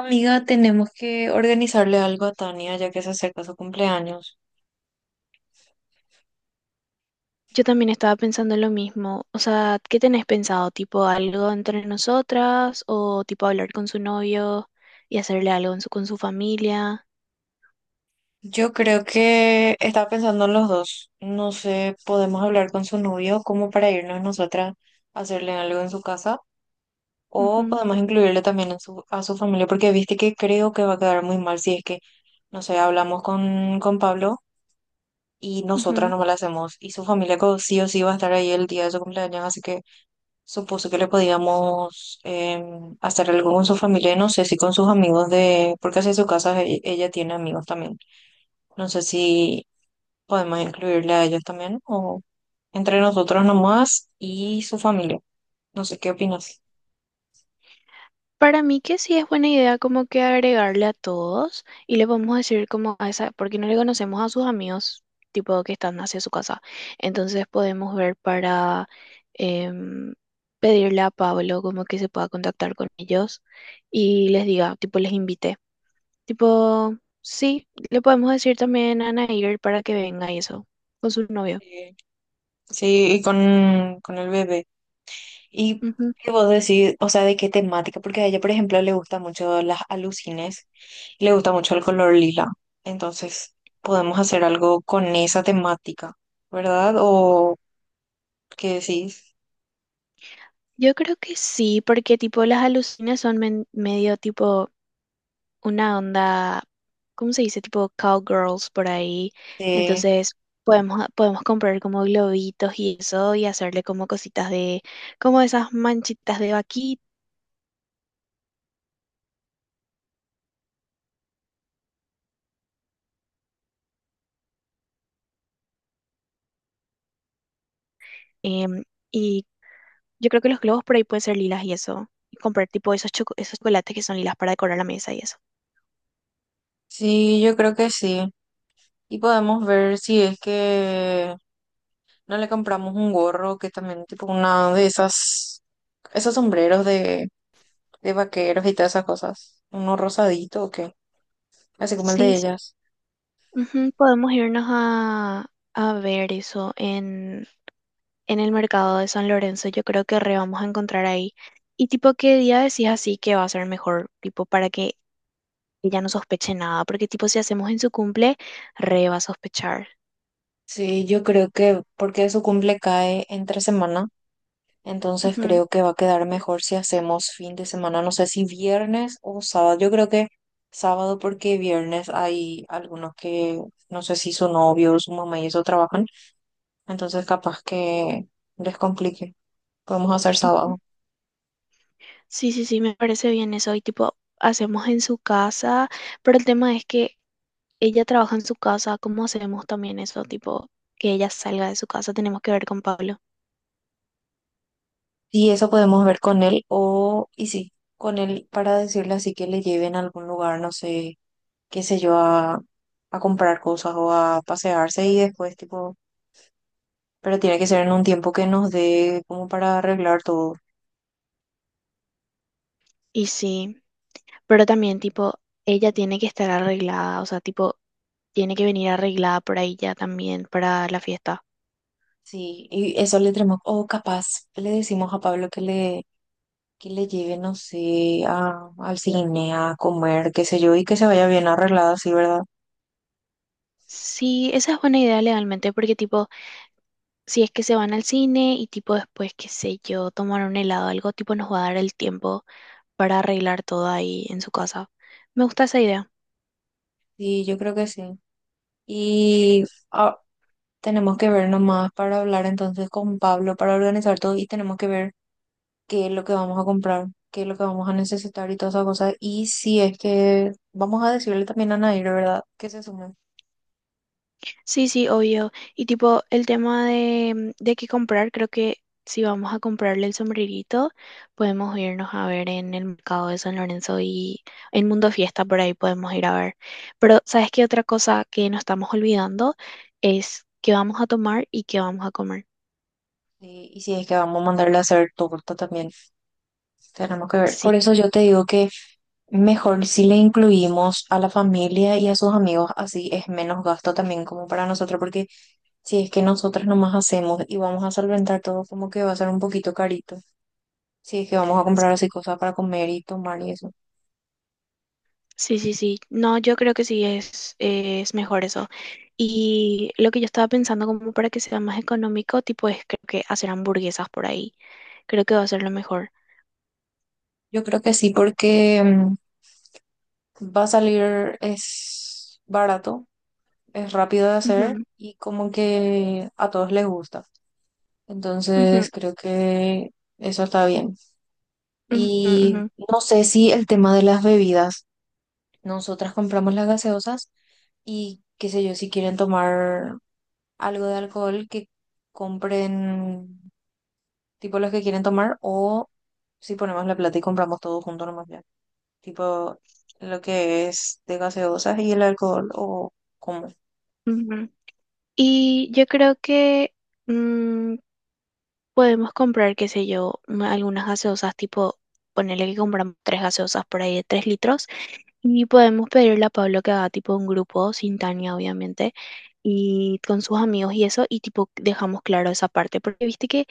Amiga, tenemos que organizarle algo a Tania ya que se acerca su cumpleaños. Yo también estaba pensando lo mismo. O sea, ¿qué tenés pensado? ¿Tipo algo entre nosotras o tipo hablar con su novio y hacerle algo en con su familia? Yo creo que estaba pensando en los dos. No sé, podemos hablar con su novio como para irnos nosotras a hacerle algo en su casa o Ujú, podemos incluirle también en a su familia porque viste que creo que va a quedar muy mal si es que, no sé, hablamos con Pablo y nosotras ujú. no le hacemos y su familia sí o sí va a estar ahí el día de su cumpleaños, así que supuse que le podíamos hacer algo con su familia, y no sé si con sus amigos de, porque hacia su casa ella tiene amigos también. No sé si podemos incluirle a ellos también o entre nosotros nomás y su familia. No sé qué opinas. Para mí que sí es buena idea como que agregarle a todos y le podemos decir como a esa, porque no le conocemos a sus amigos tipo que están hacia su casa. Entonces podemos ver para em, pedirle a Pablo como que se pueda contactar con ellos y les diga, tipo les invite. Tipo, sí, le podemos decir también a Nair para que venga y eso, con su novio. Eh, sí, y con el bebé. ¿Y Ujú. qué vos decís? O sea, ¿de qué temática? Porque a ella, por ejemplo, le gustan mucho las alucines, le gusta mucho el color lila. Entonces, podemos hacer algo con esa temática. ¿Verdad? O ¿qué decís? Yo creo que sí, porque tipo las alucinas son medio tipo una onda. ¿Cómo se dice? Tipo cowgirls por ahí. Sí, Entonces podemos comprar como globitos y eso y hacerle como cositas de, como esas manchitas de vaquita. em, y yo creo que los globos por ahí pueden ser lilas y eso. Y comprar tipo esos, esos chocolates que son lilas para decorar la mesa y eso. sí, yo creo que sí. Y podemos ver si es que no le compramos un gorro, que también tipo una de esas, esos sombreros de vaqueros y todas esas cosas. Uno rosadito o qué, así como el Sí, de sí. ellas. Ujú, podemos irnos a ver eso en el mercado de San Lorenzo. Yo creo que re vamos a encontrar ahí. Y tipo, ¿qué día decís así que va a ser mejor? Tipo, para que ella no sospeche nada. Porque tipo, si hacemos en su cumple, re va a sospechar. Sí, yo creo que porque su cumple cae entre semana. Entonces Ujú, creo que va a quedar mejor si hacemos fin de semana, no sé si viernes o sábado. Yo creo que sábado porque viernes hay algunos que no sé si su novio o su mamá y eso trabajan, entonces capaz que les complique. Podemos hacer ujú. sábado. Sí, sí, sí, me parece bien eso. Y tipo, hacemos en su casa, pero el tema es que ella trabaja en su casa. ¿Cómo hacemos también eso? Tipo, que ella salga de su casa, tenemos que ver con Pablo. Y eso podemos ver con él o, y sí, con él para decirle así que le lleven a algún lugar, no sé, qué sé yo, a comprar cosas o a pasearse y después tipo, pero tiene que ser en un tiempo que nos dé como para arreglar todo. Y sí, pero también tipo, ella tiene que estar arreglada, o sea, tipo, tiene que venir arreglada por ahí ya también para la fiesta. Sí, y eso le tenemos, o capaz le decimos a Pablo que le lleve, no sé, a, al cine, a comer, qué sé yo, y que se vaya bien arreglada, sí, ¿verdad? Sí, esa es buena idea legalmente, porque tipo, si es que se van al cine y tipo después, qué sé yo, tomar un helado, algo tipo nos va a dar el tiempo para arreglar todo ahí en su casa. Me gusta esa idea. Sí, yo creo que sí. Y ah, tenemos que ver nomás para hablar entonces con Pablo, para organizar todo, y tenemos que ver qué es lo que vamos a comprar, qué es lo que vamos a necesitar y todas esas cosas. Y si es que vamos a decirle también a Nair, ¿verdad? Que se sume. Sí, sí, obvio. Y tipo el tema de qué comprar, creo que si vamos a comprarle el sombrerito, podemos irnos a ver en el mercado de San Lorenzo y en Mundo Fiesta, por ahí podemos ir a ver. Pero, ¿sabes qué otra cosa que nos estamos olvidando es qué vamos a tomar y qué vamos a comer? Sí, y si es que vamos a mandarle a hacer torta también. Tenemos que ver. Sí. Por eso yo te digo que mejor si le incluimos a la familia y a sus amigos, así es menos gasto también como para nosotros, porque si es que nosotras nomás hacemos y vamos a solventar todo, como que va a ser un poquito carito. Si es que vamos a comprar así cosas para comer y tomar y eso. Sí, sí, sí. No, yo creo que sí es mejor eso. Y lo que yo estaba pensando como para que sea más económico, tipo, es creo que hacer hamburguesas por ahí. Creo que va a ser lo mejor. Yo creo que sí, porque va a salir, es barato, es rápido de hacer Ujú, y como que a todos les gusta. ujú, Entonces creo que eso está bien. Y ujú, no sé si el tema de las bebidas, nosotras compramos las gaseosas y qué sé yo, si quieren tomar algo de alcohol, que compren tipo los que quieren tomar o si ponemos la plata y compramos todo junto nomás ya. Tipo lo que es de gaseosas y el alcohol o cómo. ujú, ujú. Y yo creo que mm, podemos comprar, qué sé yo, algunas gaseosas, tipo, ponerle que compramos tres gaseosas por ahí de 3 litros. Y podemos pedirle a Pablo que haga tipo un grupo sin Tania, obviamente, y con sus amigos y eso, y tipo dejamos claro esa parte, porque viste que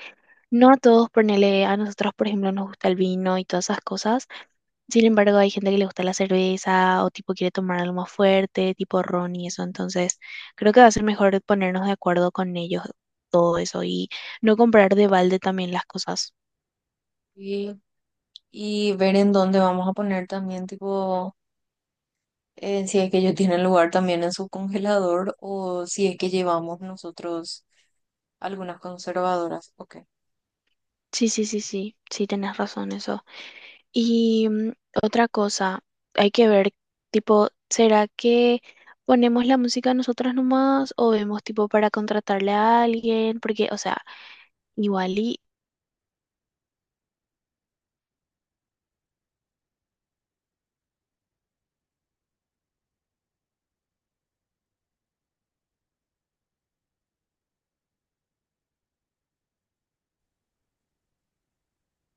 no a todos, ponele, a nosotros, por ejemplo, nos gusta el vino y todas esas cosas. Sin embargo, hay gente que le gusta la cerveza o tipo quiere tomar algo más fuerte, tipo ron y eso. Entonces creo que va a ser mejor ponernos de acuerdo con ellos todo eso y no comprar de balde también las cosas. Y, y ver en dónde vamos a poner también tipo si es que ellos tienen lugar también en su congelador o si es que llevamos nosotros algunas conservadoras, ok. Sí, sí, sí, sí, sí, tenés razón eso. Y otra cosa, hay que ver, tipo, ¿será que ponemos la música nosotras nomás o vemos tipo para contratarle a alguien? Porque, o sea, igual y...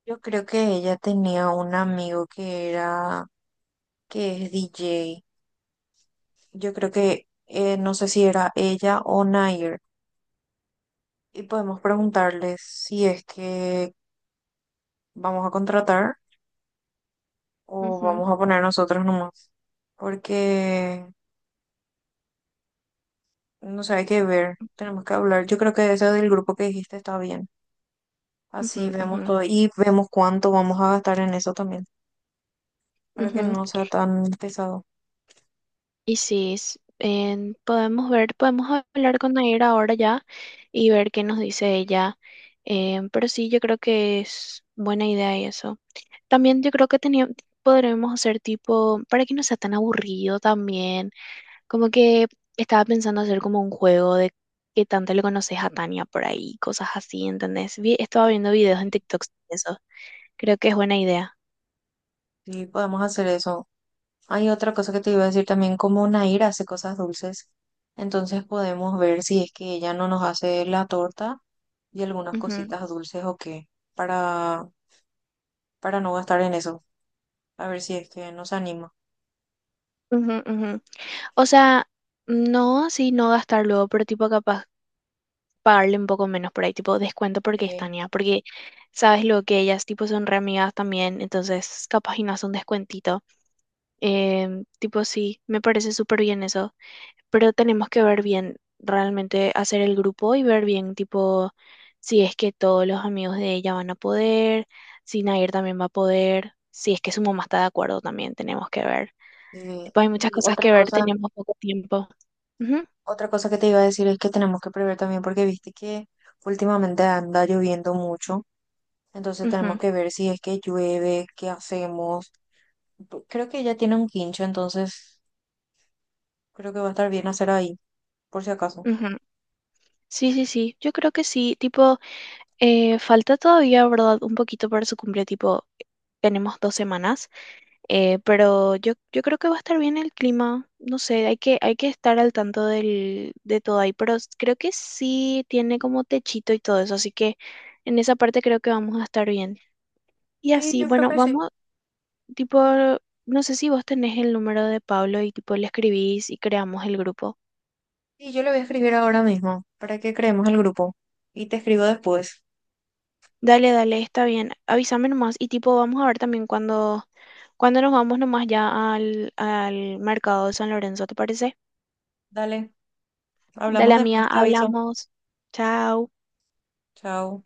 Yo creo que ella tenía un amigo que era, que es DJ. Yo creo que, no sé si era ella o Nair. Y podemos preguntarles si es que vamos a contratar o Ujú, vamos a poner nosotros nomás. Porque no sé, hay que ver. Tenemos que hablar. Yo creo que ese del grupo que dijiste está bien. ujú, Así ujú, vemos todo y vemos cuánto vamos a gastar en eso también. Para que ujú. no sea tan pesado. Y sí, podemos ver, podemos hablar con Nair ahora ya y ver qué nos dice ella. Pero sí, yo creo que es buena idea y eso. También yo creo que podremos hacer tipo, para que no sea tan aburrido también, como que estaba pensando hacer como un juego de qué tanto le conoces a Tania por ahí, cosas así, ¿entendés? Estaba viendo videos en TikTok de eso. Creo que es buena idea. Sí, podemos hacer eso. Hay otra cosa que te iba a decir también, como Nair hace cosas dulces, entonces podemos ver si es que ella no nos hace la torta y algunas Ujú, cositas dulces o qué, para, para no gastar en eso, a ver si es que nos anima. ujú, ujú. O sea, no así no gastar luego, pero tipo capaz pagarle un poco menos por ahí, tipo descuento porque es Sí, Tania, porque sabes lo que ellas tipo son re amigas también, entonces capaz y no hace un descuentito. Tipo sí, me parece súper bien eso. Pero tenemos que ver bien, realmente hacer el grupo y ver bien, tipo, si es que todos los amigos de ella van a poder, si Nair también va a poder, si es que su mamá está de acuerdo también, tenemos que ver. sí. Tipo, hay muchas Y cosas que ver, tenemos poco tiempo. Ujú, otra cosa que te iba a decir es que tenemos que prever también, porque viste que últimamente anda lloviendo mucho, entonces tenemos ujú, que ver si es que llueve, qué hacemos. Creo que ella tiene un quincho, entonces creo que va a estar bien hacer ahí, por si acaso. ujú. Sí, sí, sí, yo creo que sí, tipo, falta todavía, ¿verdad? Un poquito para su cumple, tipo, tenemos 2 semanas. Pero yo creo que va a estar bien el clima. No sé, hay que estar al tanto de todo ahí. Pero creo que sí tiene como techito y todo eso. Así que en esa parte creo que vamos a estar bien. Y Sí, así, yo creo bueno, que sí. vamos, tipo, no sé si vos tenés el número de Pablo y tipo le escribís y creamos el grupo. Sí, yo le voy a escribir ahora mismo para que creemos el grupo. Y te escribo después. Dale, dale, está bien. Avísame nomás. Y tipo, vamos a ver también cuando, cuando nos vamos nomás ya al, al mercado de San Lorenzo, ¿te parece? Dale, Dale, hablamos amiga, después, te aviso. hablamos. Chao. Chao.